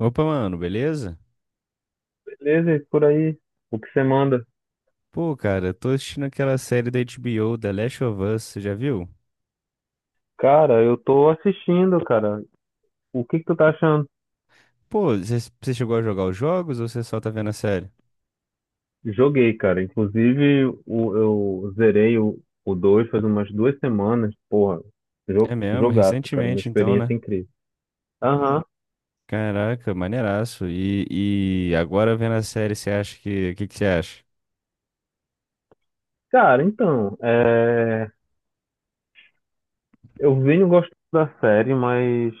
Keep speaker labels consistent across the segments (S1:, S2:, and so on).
S1: Opa, mano, beleza?
S2: Beleza, e por aí? O que você manda?
S1: Pô, cara, eu tô assistindo aquela série da HBO, The Last of Us, você já viu?
S2: Cara, eu tô assistindo, cara. O que que tu tá achando?
S1: Pô, você chegou a jogar os jogos ou você só tá vendo a série?
S2: Joguei, cara. Inclusive, eu zerei o 2 faz umas duas semanas. Porra,
S1: É mesmo,
S2: jogaço, cara. Uma
S1: recentemente então,
S2: experiência
S1: né?
S2: incrível. Aham.
S1: Caraca, maneiraço. E agora vendo a série, você acha que... O que que você acha?
S2: Cara, então, eu venho gostando da série, mas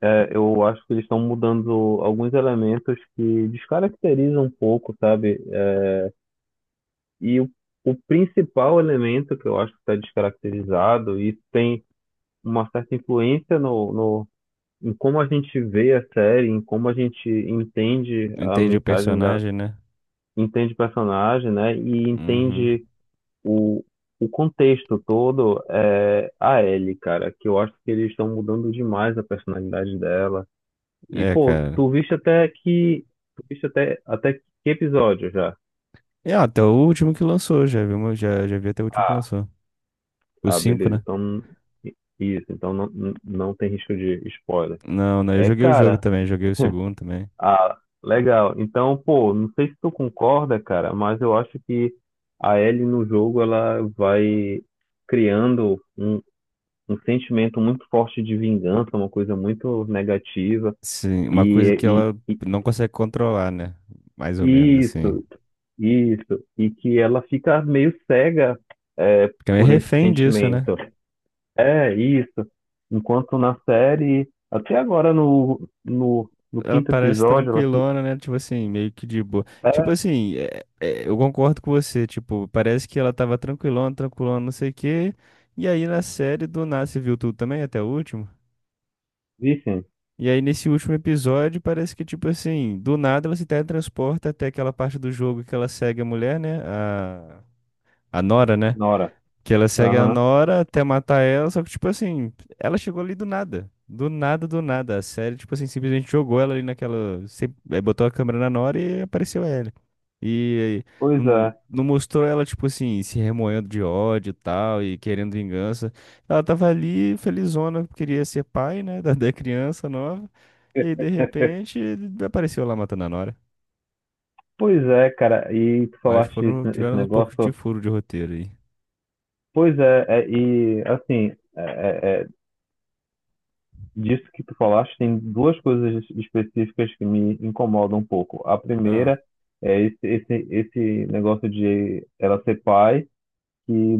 S2: eu acho que eles estão mudando alguns elementos que descaracterizam um pouco, sabe? E o, o principal elemento que eu acho que está descaracterizado, e tem uma certa influência no, em como a gente vê a série, em como a gente entende a
S1: Entende o
S2: mensagem da,
S1: personagem, né?
S2: entende o personagem, né? E
S1: Uhum.
S2: entende o, o contexto todo é a Ellie, cara, que eu acho que eles estão mudando demais a personalidade dela. E,
S1: É,
S2: pô,
S1: cara.
S2: tu viste até que, tu viste até, até que episódio já?
S1: É, até o último que lançou, já vi, já vi até o último que
S2: Ah,
S1: lançou. O
S2: ah,
S1: 5
S2: beleza.
S1: né?
S2: Então, isso, então não tem risco de spoiler.
S1: Não, não, eu
S2: É,
S1: joguei o jogo
S2: cara.
S1: também, joguei o segundo também.
S2: Ah, legal. Então, pô, não sei se tu concorda, cara, mas eu acho que a Ellie no jogo ela vai criando um sentimento muito forte de vingança, uma coisa muito negativa.
S1: Sim, uma coisa que
S2: E,
S1: ela
S2: e,
S1: não consegue controlar, né? Mais ou
S2: e
S1: menos, assim.
S2: isso, e que ela fica meio cega é,
S1: Porque ela é
S2: por esse
S1: refém disso, né?
S2: sentimento. É isso. Enquanto na série, até agora no
S1: Ela
S2: quinto
S1: parece
S2: episódio, ela se.
S1: tranquilona, né? Tipo assim, meio que de boa. Tipo assim, é, eu concordo com você. Tipo, parece que ela tava tranquilona, tranquilona, não sei o quê. E aí na série, do nada, você viu tudo também, até o último?
S2: Vicente,
S1: E aí nesse último episódio, parece que, tipo assim, do nada ela se teletransporta até aquela parte do jogo que ela segue a mulher, né? A Nora, né?
S2: Nora.
S1: Que ela segue a
S2: Aham.
S1: Nora até matar ela, só que, tipo assim, ela chegou ali do nada. Do nada, do nada. A série, tipo assim, simplesmente jogou ela ali naquela. Botou a câmera na Nora e apareceu ela. E aí,
S2: Pois
S1: não,
S2: é,
S1: não mostrou ela, tipo assim, se remoendo de ódio e tal, e querendo vingança. Ela tava ali, felizona, queria ser pai, né, da criança nova. E aí, de repente, apareceu lá matando a Nora.
S2: pois é, cara, e tu
S1: Acho que
S2: falaste
S1: foram,
S2: esse
S1: tiveram um pouco de
S2: negócio,
S1: furo de roteiro aí.
S2: pois é, é, é, disso que tu falaste, tem duas coisas específicas que me incomodam um pouco. A
S1: Ah.
S2: primeira é esse negócio de ela ser pai, que,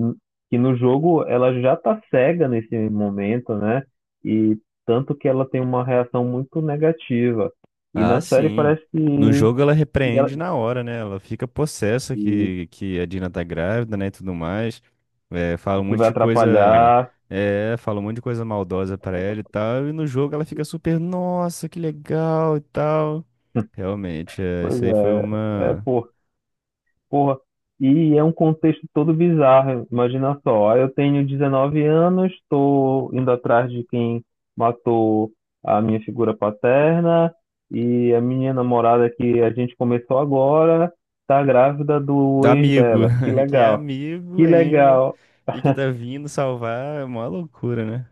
S2: que no jogo ela já tá cega nesse momento, né? E tanto que ela tem uma reação muito negativa. E
S1: Ah,
S2: na série
S1: sim.
S2: parece
S1: No
S2: que,
S1: jogo ela
S2: que, ela-
S1: repreende na hora, né? Ela fica possessa
S2: que,
S1: que a Dina tá grávida, né, e tudo mais. É, fala um
S2: que
S1: monte
S2: vai
S1: de coisa,
S2: atrapalhar.
S1: é, fala um monte de coisa maldosa pra ela e tal. E no jogo ela fica super, nossa, que legal e tal. Realmente, é,
S2: Pois
S1: isso aí foi
S2: é, é
S1: uma
S2: por, porra. E é um contexto todo bizarro. Imagina só, eu tenho 19 anos, estou indo atrás de quem matou a minha figura paterna e a minha namorada que a gente começou agora tá grávida do
S1: da
S2: ex
S1: amigo,
S2: dela. Que
S1: que é
S2: legal,
S1: amigo
S2: que
S1: ainda
S2: legal.
S1: e que tá vindo salvar, é uma loucura, né?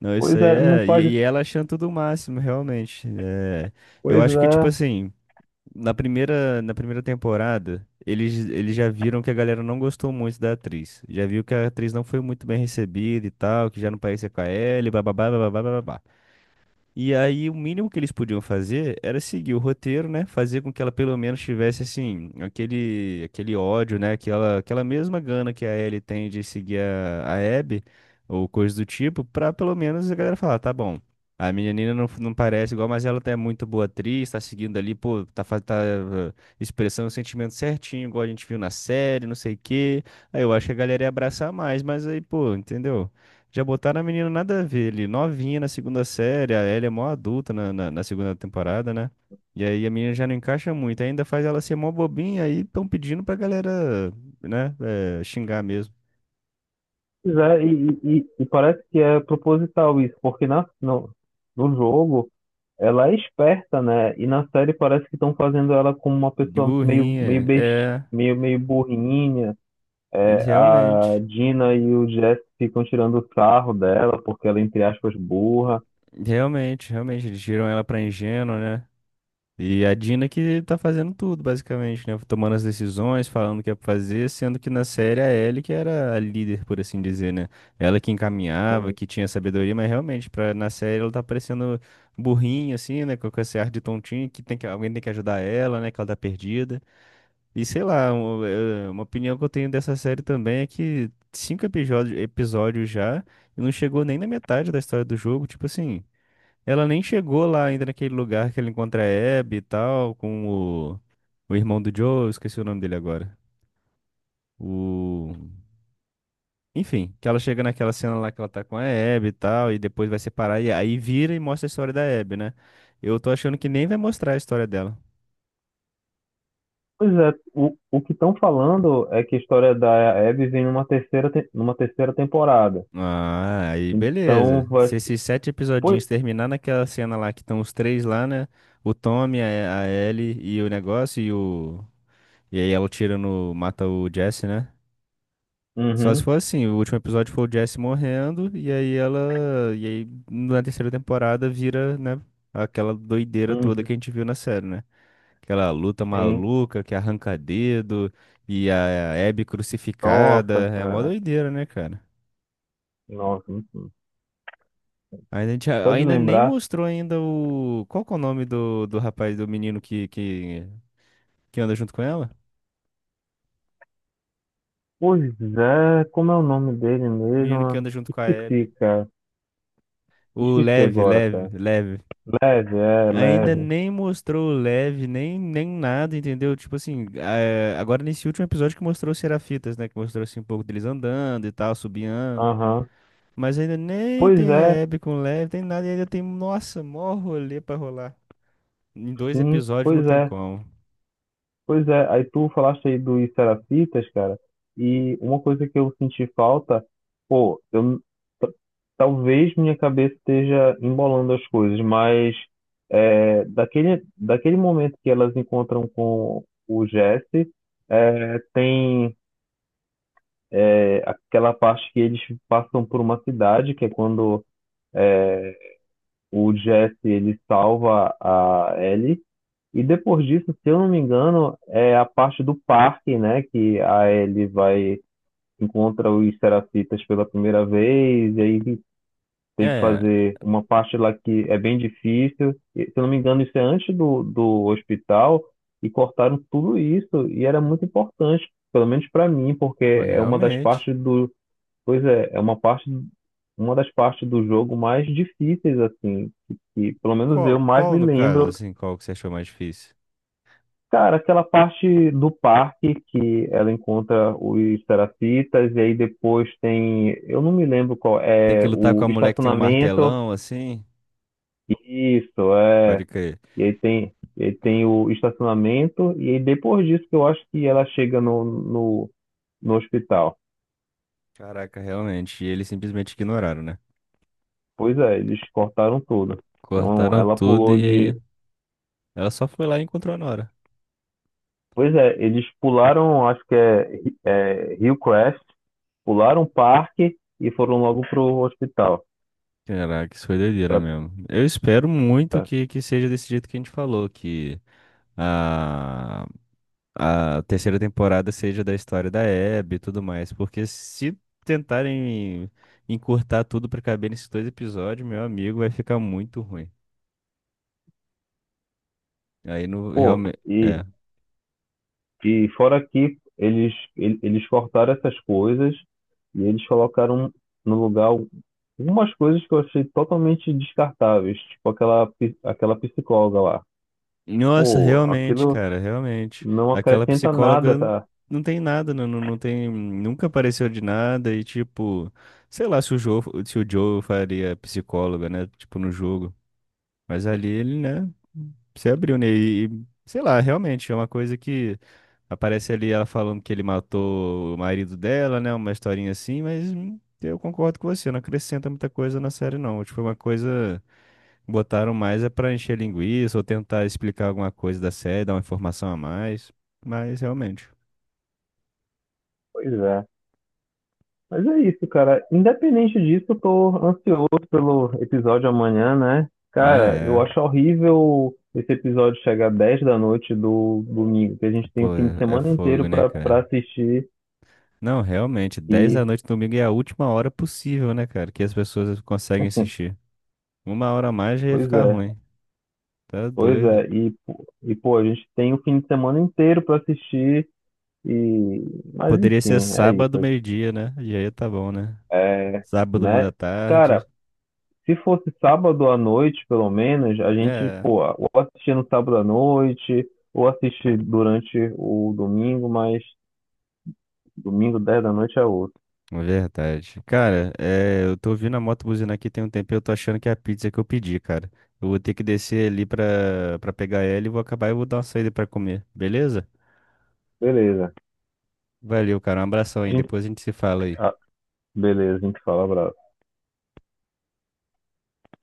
S1: Não, isso
S2: Pois
S1: aí
S2: é, não
S1: é,
S2: faz.
S1: e ela achando tudo o máximo, realmente. É, eu
S2: Pois
S1: acho que tipo
S2: é,
S1: assim, na primeira temporada, eles já viram que a galera não gostou muito da atriz. Já viu que a atriz não foi muito bem recebida e tal, que já não parecia com a Ellie, bababá, bababá, bababá. E aí o mínimo que eles podiam fazer era seguir o roteiro, né? Fazer com que ela pelo menos tivesse assim aquele ódio, né? Aquela mesma gana que a Ellie tem de seguir a Abby ou coisa do tipo, pra pelo menos a galera falar, tá bom. A menina não, não parece igual, mas ela é muito boa atriz, tá seguindo ali, pô, tá, tá eh, expressando o sentimento certinho, igual a gente viu na série, não sei o quê. Aí eu acho que a galera ia abraçar mais, mas aí, pô, entendeu? Já botaram a menina nada a ver ali, novinha na segunda série, a Ellie é mó adulta na segunda temporada, né? E aí a menina já não encaixa muito, ainda faz ela ser mó bobinha, aí estão pedindo pra galera, né, é, xingar mesmo.
S2: pois é. E parece que é proposital isso, porque na, no, no jogo ela é esperta, né? E na série parece que estão fazendo ela como uma
S1: De
S2: pessoa meio, meio
S1: burrinha,
S2: besti,
S1: é,
S2: meio, meio burrinha. É, a
S1: realmente,
S2: Gina e o Jess ficam tirando sarro dela porque ela, é, entre aspas, burra.
S1: realmente, realmente, eles tiram ela pra ingênua, né? E a Dina que tá fazendo tudo, basicamente, né? Tomando as decisões, falando o que é pra fazer, sendo que na série a Ellie que era a líder, por assim dizer, né? Ela que encaminhava,
S2: Tem-
S1: que tinha sabedoria, mas realmente, pra, na série ela tá parecendo burrinha, assim, né? Com esse ar de tontinho, que, tem que alguém tem que ajudar ela, né? Que ela tá perdida. E sei lá, uma opinião que eu tenho dessa série também é que cinco episódios, episódios já, e não chegou nem na metade da história do jogo, tipo assim. Ela nem chegou lá ainda naquele lugar que ele encontra a Abby e tal, com o, o irmão do Joe, eu esqueci o nome dele agora. O... Enfim, que ela chega naquela cena lá que ela tá com a Abby e tal, e depois vai separar, e aí vira e mostra a história da Abby, né? Eu tô achando que nem vai mostrar a história dela.
S2: Pois é, o que estão falando é que a história da Abby vem numa numa terceira temporada.
S1: Ah, aí
S2: Então
S1: beleza.
S2: vai.
S1: Se esses sete
S2: Pois...
S1: episodinhos terminar naquela cena lá que estão os três lá, né? O Tommy, a Ellie e o negócio, e o. E aí ela tira no. Mata o Jesse, né? Só se
S2: Uhum,
S1: for assim, o último episódio foi o Jesse morrendo, e aí ela. E aí na terceira temporada vira, né, aquela doideira toda que
S2: uhum.
S1: a gente viu na série, né? Aquela luta
S2: Sim.
S1: maluca que arranca dedo e a Abby crucificada.
S2: Nossa,
S1: É mó
S2: cara.
S1: doideira, né, cara?
S2: Nossa, muito-
S1: Ainda, a gente,
S2: só de
S1: ainda nem
S2: lembrar.
S1: mostrou ainda o. Qual que é o nome do rapaz, do menino que anda junto com ela?
S2: Pois é, como é o nome dele
S1: Menino que
S2: mesmo?
S1: anda junto com a
S2: Esqueci,
S1: Abby.
S2: cara.
S1: O
S2: Esqueci
S1: Lev,
S2: agora,
S1: Lev,
S2: cara.
S1: Lev.
S2: Leve, é,
S1: Ainda
S2: leve.
S1: nem mostrou o Lev, nem, nem nada, entendeu? Tipo assim, é, agora nesse último episódio que mostrou os Serafitas, né? Que mostrou assim um pouco deles andando e tal, subiando.
S2: Aham.
S1: Mas ainda nem tem
S2: Pois é,
S1: Hebe com o Lev, tem nada, e ainda tem, nossa, mó rolê pra rolar. Em dois
S2: sim,
S1: episódios não
S2: pois
S1: tem
S2: é,
S1: como.
S2: pois é. Aí tu falaste aí dos Serafitas, cara, e uma coisa que eu senti falta, pô, eu, t- talvez minha cabeça esteja embolando as coisas, mas é, daquele momento que elas encontram com o Jesse, é, tem. É aquela parte que eles passam por uma cidade, que é quando o Jesse ele salva a Ellie. E depois disso, se eu não me engano, é a parte do parque, né? Que a Ellie vai encontra os Serafitas pela primeira vez, e aí tem que
S1: É,
S2: fazer uma parte lá que é bem difícil. E, se eu não me engano, isso é antes do hospital, e cortaram tudo isso, e era muito importante, pelo menos para mim, porque
S1: não,
S2: é uma das
S1: realmente.
S2: partes do, pois é, é uma parte, uma das partes do jogo mais difíceis, assim, que pelo menos eu
S1: Qual,
S2: mais
S1: qual
S2: me
S1: no caso,
S2: lembro.
S1: assim, qual que você achou mais difícil?
S2: Cara, aquela parte do parque que ela encontra os Serafitas, e aí depois tem, eu não me lembro qual,
S1: Tem que
S2: é
S1: lutar com
S2: o
S1: a mulher que tem um
S2: estacionamento,
S1: martelão, assim?
S2: isso, é,
S1: Pode crer.
S2: e aí tem o estacionamento, e aí depois disso que eu acho que ela chega no hospital.
S1: Caraca, realmente. E eles simplesmente ignoraram, né?
S2: Pois é, eles cortaram tudo. Então
S1: Cortaram
S2: ela
S1: tudo
S2: pulou
S1: e
S2: de
S1: aí. Ela só foi lá e encontrou a Nora.
S2: pois é, eles pularam, acho que é, é Hillcrest, pularam o parque e foram logo pro hospital.
S1: Caraca, isso foi doideira
S2: Pra,
S1: mesmo. Eu espero muito que seja desse jeito que a gente falou, que a, a terceira temporada seja da história da Abby e tudo mais, porque se tentarem encurtar tudo pra caber nesses dois episódios, meu amigo, vai ficar muito ruim. Aí não
S2: pô,
S1: realmente.
S2: e, e fora que eles, ele- eles cortaram essas coisas e eles colocaram no lugar algumas coisas que eu achei totalmente descartáveis, tipo aquela, pi- aquela psicóloga lá.
S1: Nossa,
S2: Pô,
S1: realmente,
S2: aquilo
S1: cara, realmente.
S2: não
S1: Aquela
S2: acrescenta nada,
S1: psicóloga
S2: tá?
S1: não tem nada, não, não tem, nunca apareceu de nada e tipo, sei lá se o Joe, se o Joe faria psicóloga, né, tipo no jogo. Mas ali ele, né, se abriu, né, e, sei lá, realmente é uma coisa que aparece ali ela falando que ele matou o marido dela, né, uma historinha assim, mas eu concordo com você, não acrescenta muita coisa na série não. Tipo, é uma coisa Botaram mais é pra encher linguiça ou tentar explicar alguma coisa da série, dar uma informação a mais. Mas realmente.
S2: Pois é. Mas é isso, cara. Independente disso, eu tô ansioso pelo episódio amanhã, né?
S1: Ah,
S2: Cara, eu
S1: é.
S2: acho horrível esse episódio chegar 10 da noite do domingo, que a gente tem o
S1: Pô,
S2: fim de
S1: é
S2: semana inteiro
S1: fogo, né,
S2: pra
S1: cara?
S2: assistir.
S1: Não, realmente, 10
S2: E,
S1: da noite domingo é a última hora possível, né, cara? Que as pessoas conseguem assistir. Uma hora a mais já ia
S2: pois
S1: ficar
S2: é,
S1: ruim. Tá
S2: pois
S1: doido.
S2: é. Pô, a gente tem o fim de semana inteiro pra assistir. E, mas
S1: Poderia ser
S2: enfim, é
S1: sábado,
S2: isso.
S1: meio-dia, né? E aí tá bom, né?
S2: É,
S1: Sábado, uma
S2: né?
S1: da
S2: Cara,
S1: tarde.
S2: se fosse sábado à noite, pelo menos, a gente,
S1: É.
S2: pô, ou assistia no sábado à noite, ou assiste durante o domingo, mas domingo 10 da noite é outro.
S1: É verdade. Cara, é, eu tô ouvindo a moto buzinar aqui tem um tempo e eu tô achando que é a pizza que eu pedi, cara. Eu vou ter que descer ali pra pegar ela e vou acabar e vou dar uma saída pra comer, beleza?
S2: Beleza.
S1: Valeu, cara. Um abração
S2: A
S1: aí.
S2: gente,
S1: Depois a gente se fala aí.
S2: ah, beleza, a gente fala, abraço.